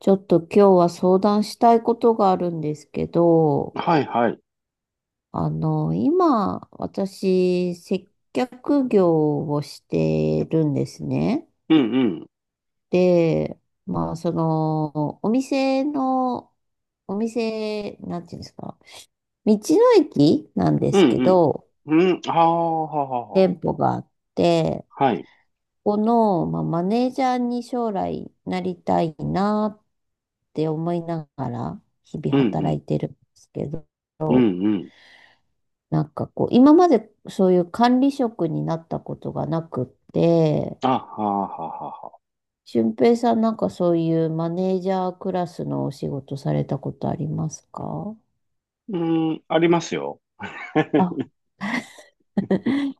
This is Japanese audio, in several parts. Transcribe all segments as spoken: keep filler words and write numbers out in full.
ちょっと今日は相談したいことがあるんですけど、はいはい。あの、今、私、接客業をしてるんですね。うんうん。で、まあ、その、お店の、お店、なんていうんですか、道の駅なんでうんすけど、うん。うん。はあ、はあ、は店舗があって、あ。はい。この、まあ、マネージャーに将来なりたいなって思いながら、日々うんう働ん。いてるんですけど、うんうん。なんかこう、今までそういう管理職になったことがなくって、あ、はあ、はあ、はあ。はあ俊平さんなんかそういうマネージャークラスのお仕事されたことありますか？うん、ありますよ。あ、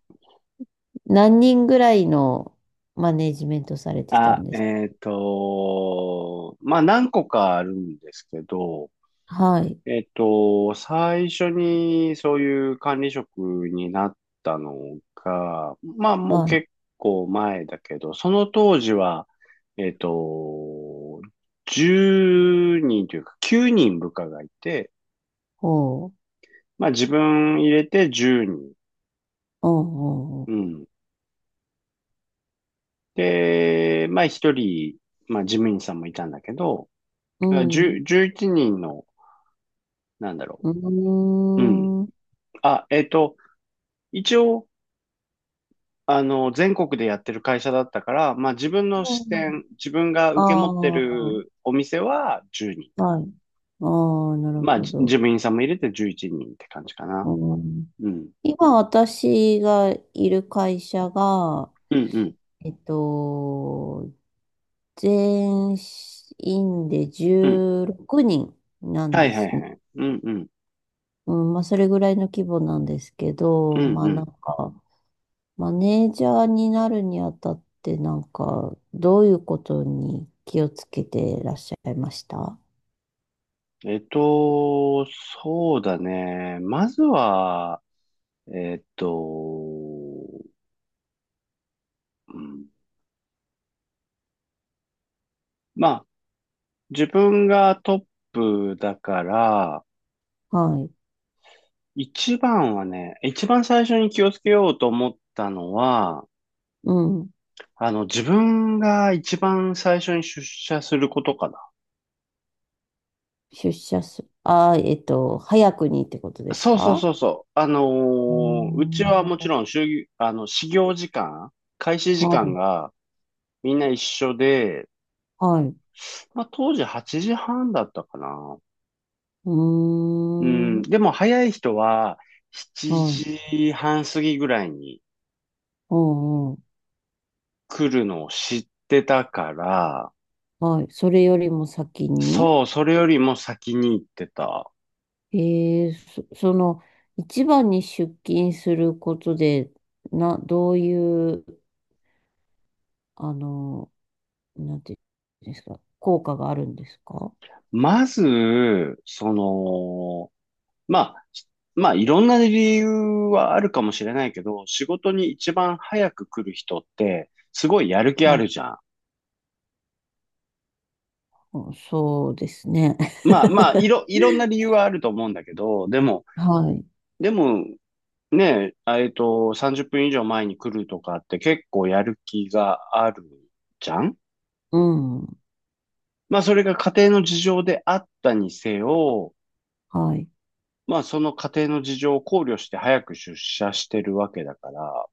何人ぐらいのマネージメントされてたあ、んです？えっと、まあ、何個かあるんですけど、はい、えっと、最初にそういう管理職になったのが、まあ、もうはい、結構前だけど、その当時は、えっと、じゅうにんというかきゅうにん部下がいて、ほう、まあ自分入れてじゅうにん。うんううん、ん。で、まあひとり、まあ事務員さんもいたんだけど、うん、じゅう、じゅういちにんの、なんだろうう。うん。ん、うーん、あ、えっと、一応、あの、全国でやってる会社だったから、まあ自分の支店、自分があ受け持ってあー、るお店はじゅうにんかはな。い、ああ、なるまあほじ事ど、務員さんも入れてじゅういちにんって感じかな。うん。うん。今私がいる会社が、うんうん。えっと、全員でうん。じゅうろくにんなんはでいはいすね。はい。うんうん。うん、まあ、それぐらいの規模なんですけうど、んまうあ、なん。んか、マネージャーになるにあたって、なんか、どういうことに気をつけてらっしゃいました？えっと、そうだね。まずは、えっと、うんまあ、自分がトップだから、はい。一番はね、一番最初に気をつけようと思ったのは、うん。あの、自分が一番最初に出社することかな。出社す、あー、えっと、早くにってことですそうそうか？そうそう。あのうーーうちんはもちはろん、就業あの、始業時間、開始時間い。がみんな一緒で、はい。まあ、当時はちじはんだったかな。ううーん、ん。でも早い人は7はい。時半過ぎぐらいにうんうん。来るのを知ってたから、はい。それよりも先に、そう、それよりも先に行ってた。えー、そ、その、一番に出勤することで、な、どういう、あの、なんていうんですか、効果があるんですか？まず、その、まあ、まあいろんな理由はあるかもしれないけど、仕事に一番早く来る人ってすごいやる気あはるい。じゃん。うんそうですね。まあまあ、い ろ、いろんな理由はあると思うんだけど、でも、はい。でもねえ、えっと、さんじゅっぷん以上前に来るとかって結構やる気があるじゃん。うん。まあ、それが家庭の事情であったにせよ、はい。まあ、その家庭の事情を考慮して早く出社してるわけだから、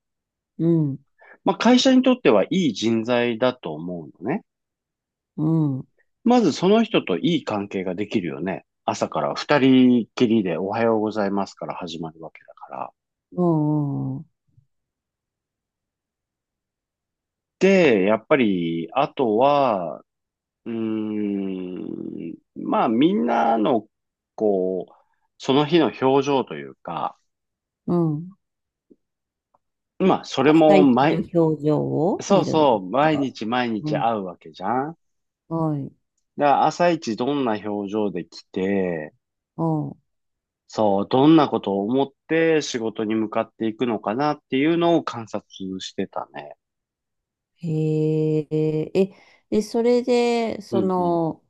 うん。まあ、会社にとってはいい人材だと思うのね。うん。まずその人といい関係ができるよね。朝からふたりきりでおはようございますから始まるわけだから。うん。うん。で、やっぱり、あとは、うーん、まあみんなの、こう、その日の表情というか、うん。まあそれ朝も一の毎、表情をそう見るんそですう、毎か？日毎う日ん。会うわけじゃん。はい。だから朝一どんな表情で来て、うん。そう、どんなことを思って仕事に向かっていくのかなっていうのを観察してたね。へえ、え、で、それで、うそんうん。の、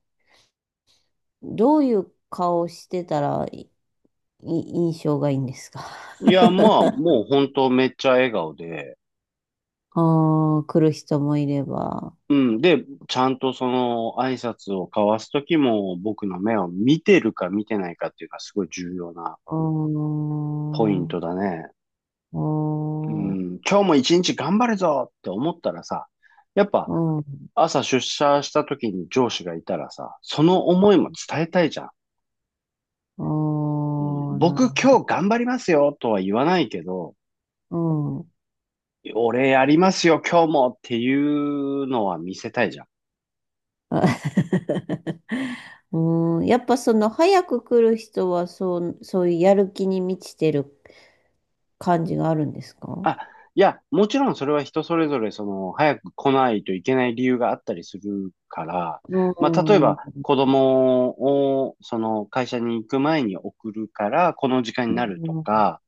どういう顔してたらいい印象がいいんですか？いや、まあもう本当めっちゃ笑顔で、あ あー、来る人もいれば。うん。で、ちゃんとその挨拶を交わすときも僕の目を見てるか見てないかっていうのはすごい重要なうーポイん、ンうトだね。ーうん。ん、今日もいちにち頑張るぞって思ったらさ、やっぱうん、う朝出社したときに上司がいたらさ、その思いも伝えたいじゃん。ーうん。んな僕る今日頑張りますよとは言わないけど、ほど。俺やりますよ今日もっていうのは見せたいじゃん。うん。うん、やっぱその早く来る人はそう、そういうやる気に満ちてる感じがあるんですか？あ、いや、もちろんそれは人それぞれ、その、早く来ないといけない理由があったりするから、うまあ、例えん。ば、う子供を、その、会社に行く前に送るから、この時間になるとん、か、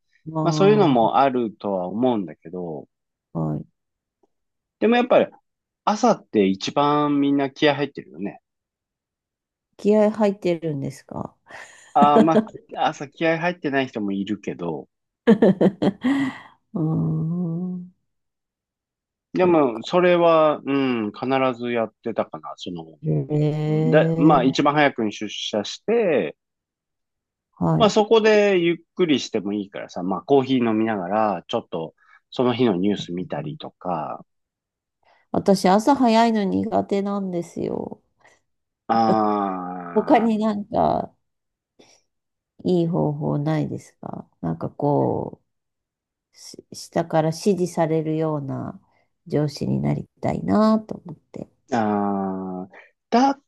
まあ、そういうのもああるとは思うんだけど、あ、はい。でもやっぱり、朝って一番みんな気合入ってるよね。気合入ってるんですか？ああ、まあ、朝気合入ってない人もいるけど、うーん。でそっも、か。それは、うん、必ずやってたかな。その、へで、まあ、一え。番早くに出社して、はまあい。そこでゆっくりしてもいいからさ、まあコーヒー飲みながら、ちょっとその日のニュース見たりとか、私、朝早いの苦手なんですよ。他あになんかいい方法ないですか？なんかこう、し下から指示されるような上司になりたいなと思って。ー、あー、だ、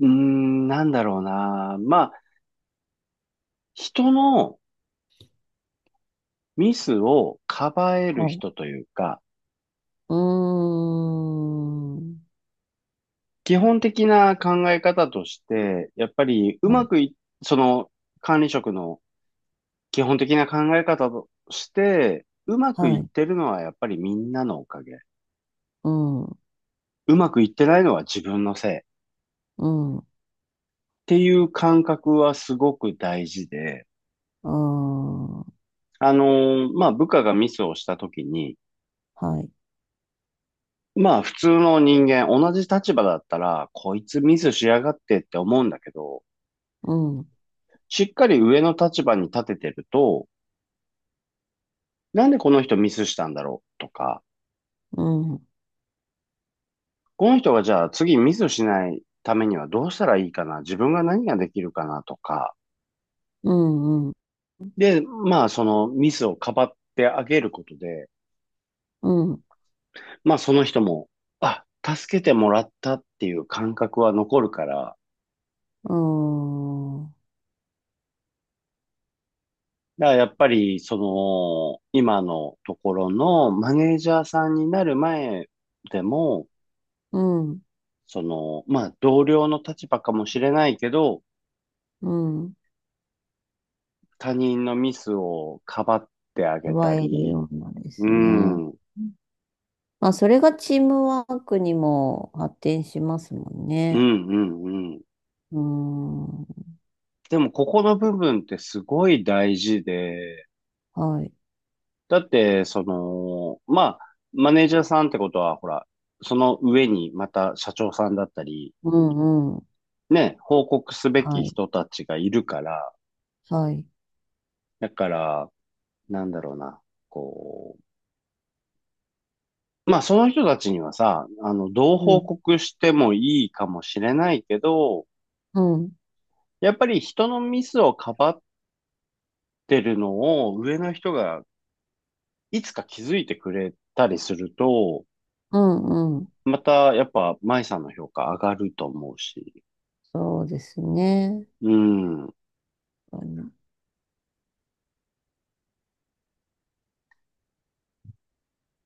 うーん、なんだろうな。まあ人のミスをかばえるはい。人というか、うーん。基本的な考え方として、やっぱりうはまい。くい、その管理職の基本的な考え方として、うまくいはっい。てるのはやっぱりみんなのおかげ。うん。うん。うまくいってないのは自分のせい。うていう感覚はすごく大事で、ーん。あのーまあ、部下がミスをしたときに、はい。まあ、普通の人間、同じ立場だったら、こいつミスしやがってって思うんだけど、うん。しっかり上の立場に立ててると、なんでこの人ミスしたんだろうとか、うん。うん。この人がじゃあ次ミスしないためにはどうしたらいいかな、自分が何ができるかなとか、うん。で、まあ、そのミスをかばってあげることで、うん。まあその人も、あ、助けてもらったっていう感覚は残るから、うん、うだからやっぱりその、今のところのマネージャーさんになる前でも、ん、その、まあ同僚の立場かもしれないけど、うん。他人のミスをかばってあげ奪たえるり、ようなでうすね。ん、うん、まあ、それがチームワークにも発展しますもんうん、ね。うん。うん、はでもここの部分ってすごい大事で、い。だって、その、まあ、マネージャーさんってことは、ほら、その上にまた社長さんだったり、うん、うん。ね、報告すべはきい、人たちがいるから、はい。だから、なんだろうな、こう、まあ、その人たちにはさ、あの、どうう報ん、告してもいいかもしれないけど、うん、やっぱり人のミスをかばってるのを上の人がいつか気づいてくれたりすると、うん、うん。またやっぱ舞さんの評価上がると思うし。そうですね。うん。うん。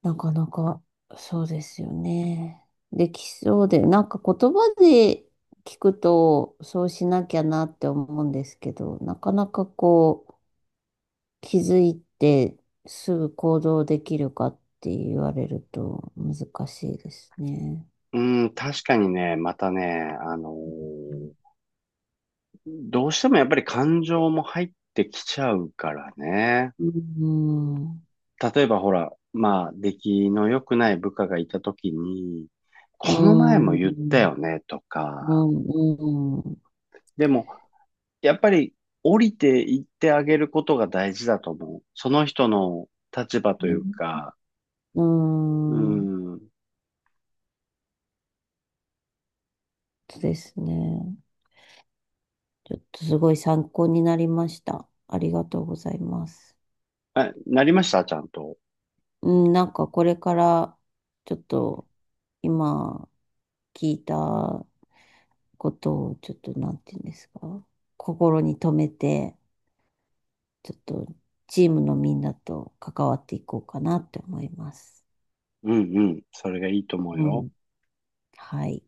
なかなか、そうですよね。できそうで、なんか言葉で聞くと、そうしなきゃなって思うんですけど、なかなかこう、気づいてすぐ行動できるかって言われると難しいですね。うん、確かにね、またね、あのうん。ーどうしてもやっぱり感情も入ってきちゃうからね。うん。例えばほら、まあ、出来の良くない部下がいた時に、この前うも言ったよん。ね、とうか。ん。うんでも、やっぱり降りていってあげることが大事だと思う。その人の立場というね。か、ううん。ん。そうですね。ちょっとすごい参考になりました。ありがとうございます。あ、なりましたちゃんと。うん、なんかこれからちょっと今聞いたことをちょっとなんていうんですか。心に留めてちょっとチームのみんなと関わっていこうかなって思います。うんうん。それがいいと思ううよ。ん。はい。